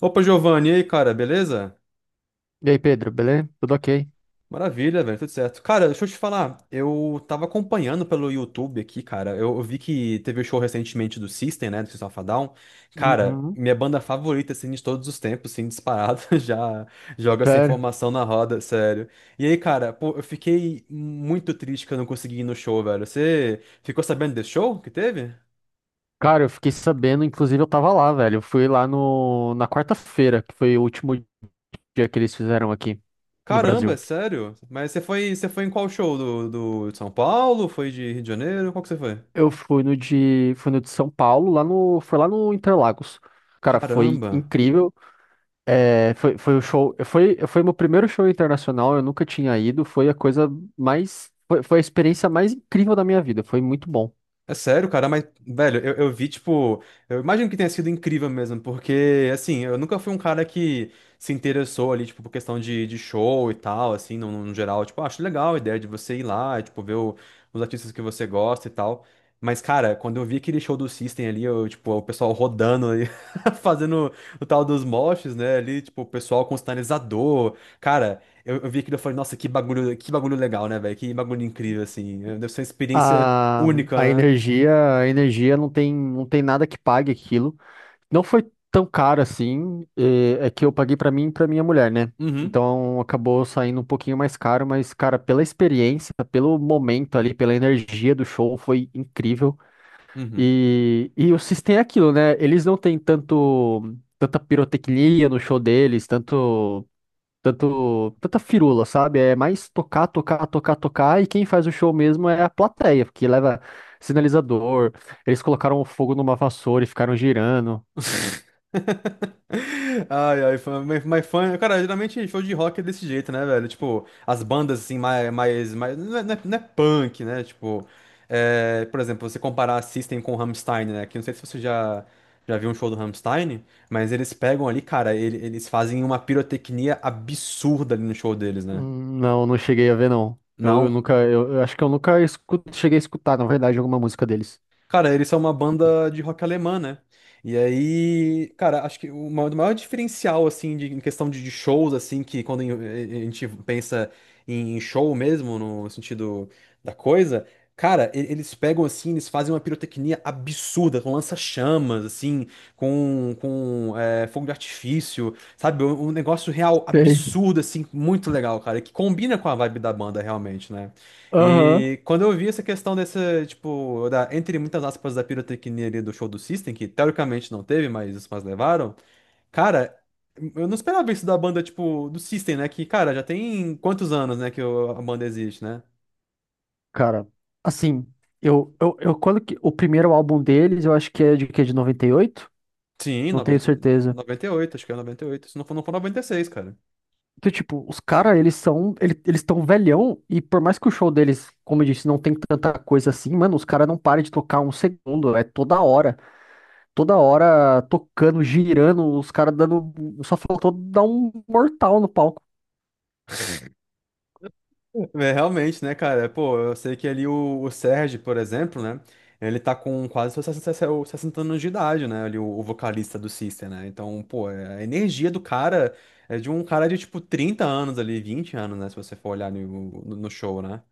Opa, Giovanni, e aí, cara, beleza? E aí, Pedro, beleza? Tudo ok? Maravilha, velho, tudo certo. Cara, deixa eu te falar, eu tava acompanhando pelo YouTube aqui, cara. Eu vi que teve o show recentemente do System, né, do System of a Down. Cara, Uhum. minha banda favorita, assim, de todos os tempos, assim, disparado, já joga essa Sério? informação na roda, sério. E aí, cara, pô, eu fiquei muito triste que eu não consegui ir no show, velho. Você ficou sabendo desse show que teve? Cara, eu fiquei sabendo, inclusive eu tava lá, velho. Eu fui lá no, na quarta-feira, que foi o último dia que eles fizeram aqui no Caramba, é Brasil. sério? Mas você foi em qual show? Do de São Paulo? Foi de Rio de Janeiro? Qual que você foi? Eu fui no de São Paulo, lá no, foi lá no Interlagos. Cara, foi Caramba! incrível. Foi o show, foi meu primeiro show internacional, eu nunca tinha ido. Foi a foi a experiência mais incrível da minha vida. Foi muito bom. É sério, cara, mas, velho, eu vi, tipo, eu imagino que tenha sido incrível mesmo, porque, assim, eu nunca fui um cara que se interessou ali, tipo, por questão de show e tal, assim, no geral, tipo, ah, acho legal a ideia de você ir lá, e, tipo, ver os artistas que você gosta e tal, mas, cara, quando eu vi aquele show do System ali, eu, tipo, o pessoal rodando ali, fazendo o tal dos moshes, né, ali, tipo, o pessoal com sinalizador, cara, eu vi aquilo e falei, nossa, que bagulho legal, né, velho, que bagulho incrível, assim, deve ser uma experiência A, única, a né? energia, a energia não tem, não tem nada que pague aquilo. Não foi tão caro assim, é que eu paguei pra mim e pra minha mulher, né? Uhum, Então acabou saindo um pouquinho mais caro, mas, cara, pela experiência, pelo momento ali, pela energia do show, foi incrível. uhum. E o System é aquilo, né? Eles não têm tanta pirotecnia no show deles, tanta firula, sabe? É mais tocar, tocar, tocar, tocar, e quem faz o show mesmo é a plateia, porque leva sinalizador, eles colocaram fogo numa vassoura e ficaram girando. Ai, ai, fã, mas fã. Cara, geralmente show de rock é desse jeito, né, velho? Tipo, as bandas assim, mais não é punk, né? Tipo, por exemplo, você comparar System com Rammstein, né? Que eu não sei se você já viu um show do Rammstein, mas eles pegam ali, cara, eles fazem uma pirotecnia absurda ali no show deles, né? Hum. Não, não cheguei a ver, não. Não. Eu acho que eu nunca cheguei a escutar, na verdade, alguma música deles. Cara, eles são uma banda de rock alemã, né? E aí, cara, acho que o maior diferencial, assim, em questão de shows, assim, que quando a gente pensa em show mesmo, no sentido da coisa, cara, eles pegam, assim, eles fazem uma pirotecnia absurda, com lança-chamas, assim, com fogo de artifício, sabe? Um negócio real Sei. absurdo, assim, muito legal, cara, que combina com a vibe da banda, realmente, né? Aham. E quando eu vi essa questão dessa, tipo, da, entre muitas aspas, da pirotecnia ali do show do System, que teoricamente não teve, mas os fãs levaram, cara, eu não esperava isso da banda, tipo, do System, né? Que, cara, já tem quantos anos, né, que a banda existe, né? Cara, assim, o primeiro álbum deles, eu acho que é de 98. Sim, Não tenho certeza. noventa e oito acho que é 98. Se não for noventa e seis, cara. Então, tipo, os caras, eles estão velhão, e por mais que o show deles, como eu disse, não tem tanta coisa assim, mano, os caras não param de tocar um segundo. É toda hora. Toda hora tocando, girando, os caras dando. Só faltou dar um mortal no palco. É, realmente, né, cara? Pô, eu sei que ali o Sérgio, por exemplo, né? Ele tá com quase seus 60 60 anos de idade, né? Ali, o vocalista do System, né? Então, pô, a energia do cara é de um cara de tipo 30 anos ali, 20 anos, né? Se você for olhar no show, né?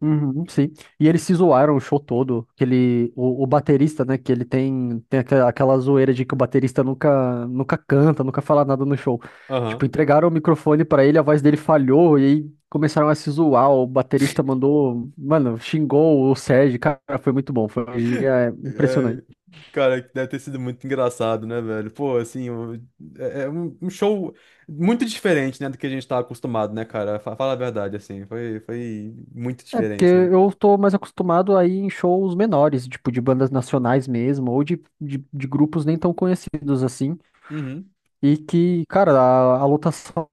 Uhum, sim. E eles se zoaram o show todo. O baterista, né? Que ele tem, tem aquela zoeira de que o baterista nunca, nunca canta, nunca fala nada no show. Tipo, Aham. entregaram o microfone pra ele, a voz dele falhou e aí começaram a se zoar. O baterista mandou, mano, xingou o Sérgio. Cara, foi muito bom. Foi um dia É, impressionante. cara, que deve ter sido muito engraçado, né, velho? Pô, assim, é um show muito diferente, né, do que a gente tá acostumado, né, cara? Fala a verdade, assim, foi muito É porque diferente, né? eu tô mais acostumado a ir em shows menores, tipo, de bandas nacionais mesmo, ou de grupos nem tão conhecidos assim. Uhum. E que, cara, a lotação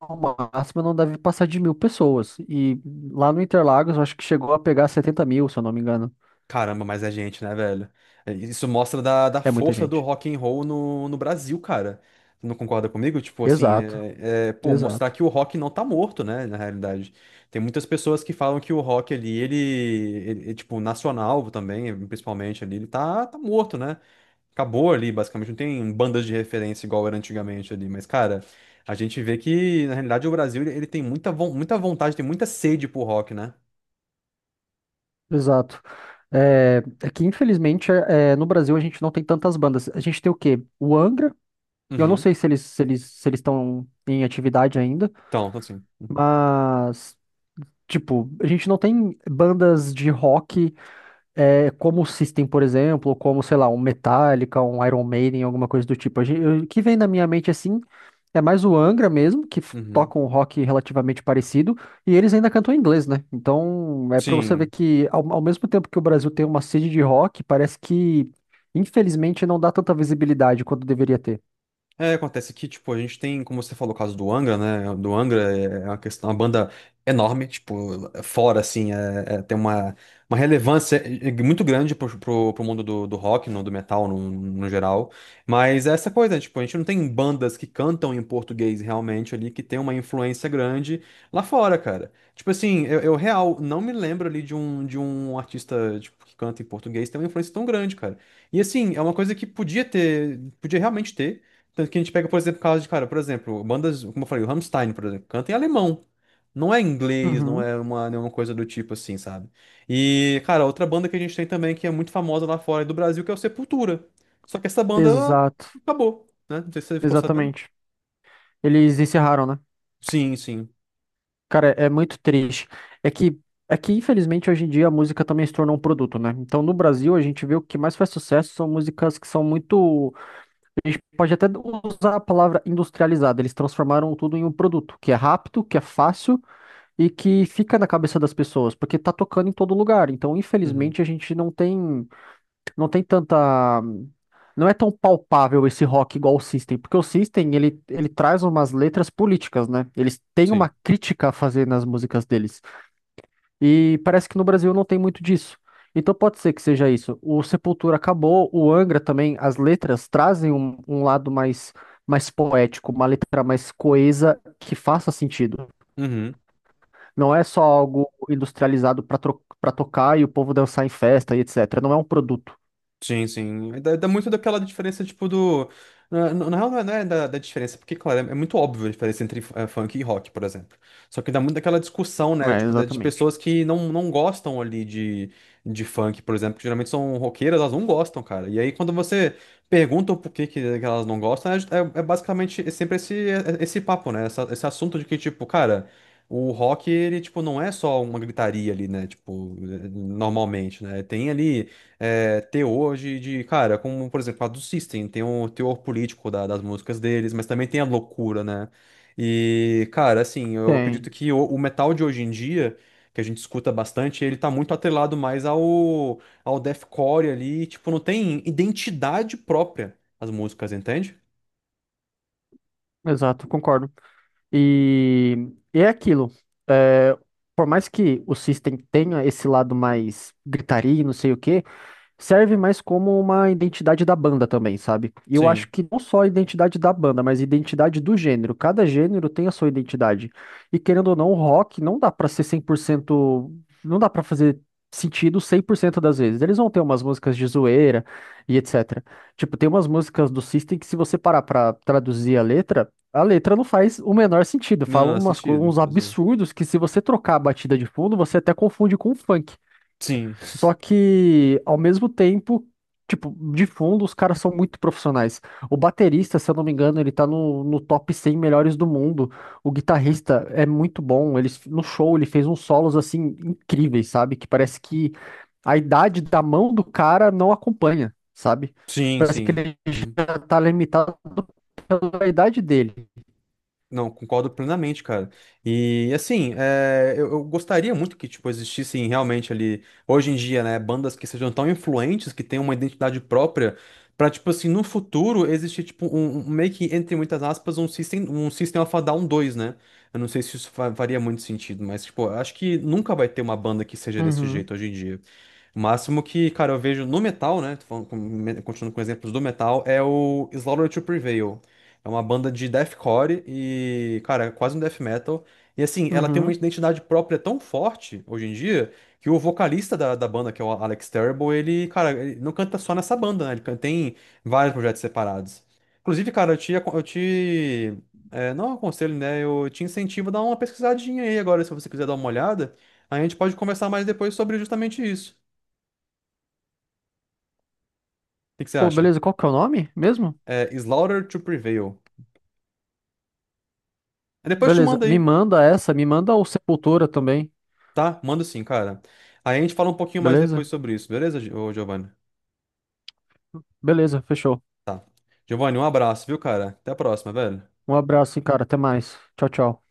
máxima não deve passar de 1.000 pessoas. E lá no Interlagos, eu acho que chegou a pegar 70.000, se eu não me engano. Caramba, mas é gente, né, velho? É, isso mostra da É muita força do gente. rock and roll no Brasil, cara. Você não concorda comigo? Tipo assim, Exato, pô, mostrar exato, que o rock não tá morto, né, na realidade. Tem muitas pessoas que falam que o rock ali, ele é, tipo, nacional também, principalmente ali, ele tá morto, né? Acabou ali, basicamente, não tem bandas de referência igual era antigamente ali, mas, cara, a gente vê que, na realidade, o Brasil, ele tem muita vontade, tem muita sede pro rock, né? exato. É, é que, infelizmente, é, é, no Brasil a gente não tem tantas bandas. A gente tem o quê? O Angra. Eu não Uhum. sei se eles estão em atividade ainda, Então assim. Uhum, mas, tipo, a gente não tem bandas de rock. É, como o System, por exemplo, ou como, sei lá, um Metallica, um Iron Maiden, alguma coisa do tipo. O que vem na minha mente, assim, é mais o Angra mesmo, que uhum. toca um rock relativamente parecido, e eles ainda cantam em inglês, né? Então, é pra você ver Sim. que, ao mesmo tempo que o Brasil tem uma sede de rock, parece que, infelizmente, não dá tanta visibilidade quanto deveria ter. É, acontece que, tipo, a gente tem, como você falou, o caso do Angra, né? Do Angra é uma questão, é uma banda enorme, tipo, é fora, assim, tem uma relevância muito grande pro, pro mundo do rock, do metal, no geral. Mas é essa coisa, né? Tipo, a gente não tem bandas que cantam em português realmente ali, que tem uma influência grande lá fora, cara. Tipo assim, eu real não me lembro ali de um, artista, tipo, que canta em português, tem uma influência tão grande, cara. E assim, é uma coisa que podia ter, podia realmente ter. Tanto que a gente pega, por exemplo, casos de, cara, por exemplo, bandas, como eu falei, o Rammstein, por exemplo, canta em alemão. Não é inglês, não Uhum. é nenhuma coisa do tipo assim, sabe? E, cara, outra banda que a gente tem também que é muito famosa lá fora do Brasil, que é o Sepultura. Só que essa banda, ela Exato, acabou, né? Não sei se você ficou sabendo. exatamente. Eles encerraram, né? Sim, sim. Cara, é muito triste. É que, é que, infelizmente, hoje em dia a música também se tornou um produto, né? Então, no Brasil, a gente vê o que mais faz sucesso são músicas que são muito. Pode até usar a palavra industrializada. Eles transformaram tudo em um produto, que é rápido, que é fácil e que fica na cabeça das pessoas, porque tá tocando em todo lugar. Então, Uhum, infelizmente, a gente não tem, não tem tanta. Não é tão palpável esse rock igual o System, porque o System, ele traz umas letras políticas, né? Eles têm uma sim. crítica a fazer nas músicas deles. E parece que no Brasil não tem muito disso. Então pode ser que seja isso. O Sepultura acabou, o Angra também, as letras trazem um, um lado mais, mais poético, uma letra mais coesa que faça sentido. Uhum. Não é só algo industrializado para tocar e o povo dançar em festa e etc. Não é um produto. Sim, sim. Dá muito daquela diferença, tipo, do. Na real, não é da diferença, porque, claro, é muito óbvio a diferença entre funk e rock, por exemplo. Só que dá muito daquela discussão, né? É, Tipo, de exatamente. pessoas que não gostam ali de funk, por exemplo, que geralmente são roqueiras, elas não gostam, cara. E aí, quando você pergunta o porquê que elas não gostam, é basicamente é sempre esse, esse papo, né? Esse assunto de que, tipo, cara. O rock, ele, tipo, não é só uma gritaria ali, né? Tipo, normalmente, né? Tem ali teor de cara, como, por exemplo, a do System, tem um teor político das músicas deles, mas também tem a loucura, né? E, cara, assim, eu acredito Tem, que o metal de hoje em dia, que a gente escuta bastante, ele tá muito atrelado mais ao deathcore ali, tipo, não tem identidade própria as músicas, entende? exato, concordo. E, e é aquilo. É, por mais que o System tenha esse lado mais gritaria, e não sei o quê, serve mais como uma identidade da banda também, sabe? E eu acho Sim. que não só a identidade da banda, mas a identidade do gênero. Cada gênero tem a sua identidade. E querendo ou não, o rock não dá pra ser 100%, não dá pra fazer sentido 100% das vezes. Eles vão ter umas músicas de zoeira e etc. Tipo, tem umas músicas do System que se você parar pra traduzir a letra não faz o menor sentido. Não, Fala não, não, umas, sentido. uns Pois é. absurdos que se você trocar a batida de fundo, você até confunde com o funk. Sim, Só que, ao mesmo tempo, tipo, de fundo, os caras são muito profissionais. O baterista, se eu não me engano, ele tá no top 100 melhores do mundo. O guitarrista é muito bom. Ele, no show, ele fez uns solos, assim, incríveis, sabe? Que parece que a idade da mão do cara não acompanha, sabe? sim, Parece que sim. ele já tá limitado pela idade dele. Não, concordo plenamente, cara. E assim, eu gostaria muito que tipo existissem realmente ali hoje em dia, né, bandas que sejam tão influentes, que tenham uma identidade própria, pra, tipo assim, no futuro existir tipo um, meio que entre muitas aspas um System of a Down 2, né? Eu não sei se isso faria muito sentido, mas tipo, eu acho que nunca vai ter uma banda que seja desse Uhum, jeito hoje em dia. O máximo que, cara, eu vejo no metal, né? Tô falando continuando com exemplos do metal, é o Slaughter to Prevail. É uma banda de deathcore e, cara, é quase um death metal. E assim, ela tem uma uhum. identidade própria tão forte hoje em dia que o vocalista da banda, que é o Alex Terrible, ele, cara, ele não canta só nessa banda, né? Ele tem vários projetos separados. Inclusive, cara, eu te não aconselho, né? Eu te incentivo a dar uma pesquisadinha aí agora, se você quiser dar uma olhada. Aí a gente pode conversar mais depois sobre justamente isso. O que que você Pô, acha? beleza, qual que é o nome mesmo? É Slaughter to Prevail. Aí, depois eu te Beleza, manda me aí, manda essa, me manda o Sepultura também, tá? Manda sim, cara. Aí a gente fala um pouquinho mais depois beleza? sobre isso, beleza, ô Giovanni? Beleza, fechou. Giovanni, um abraço, viu, cara? Até a próxima, velho. Um abraço, hein, cara. Até mais. Tchau, tchau.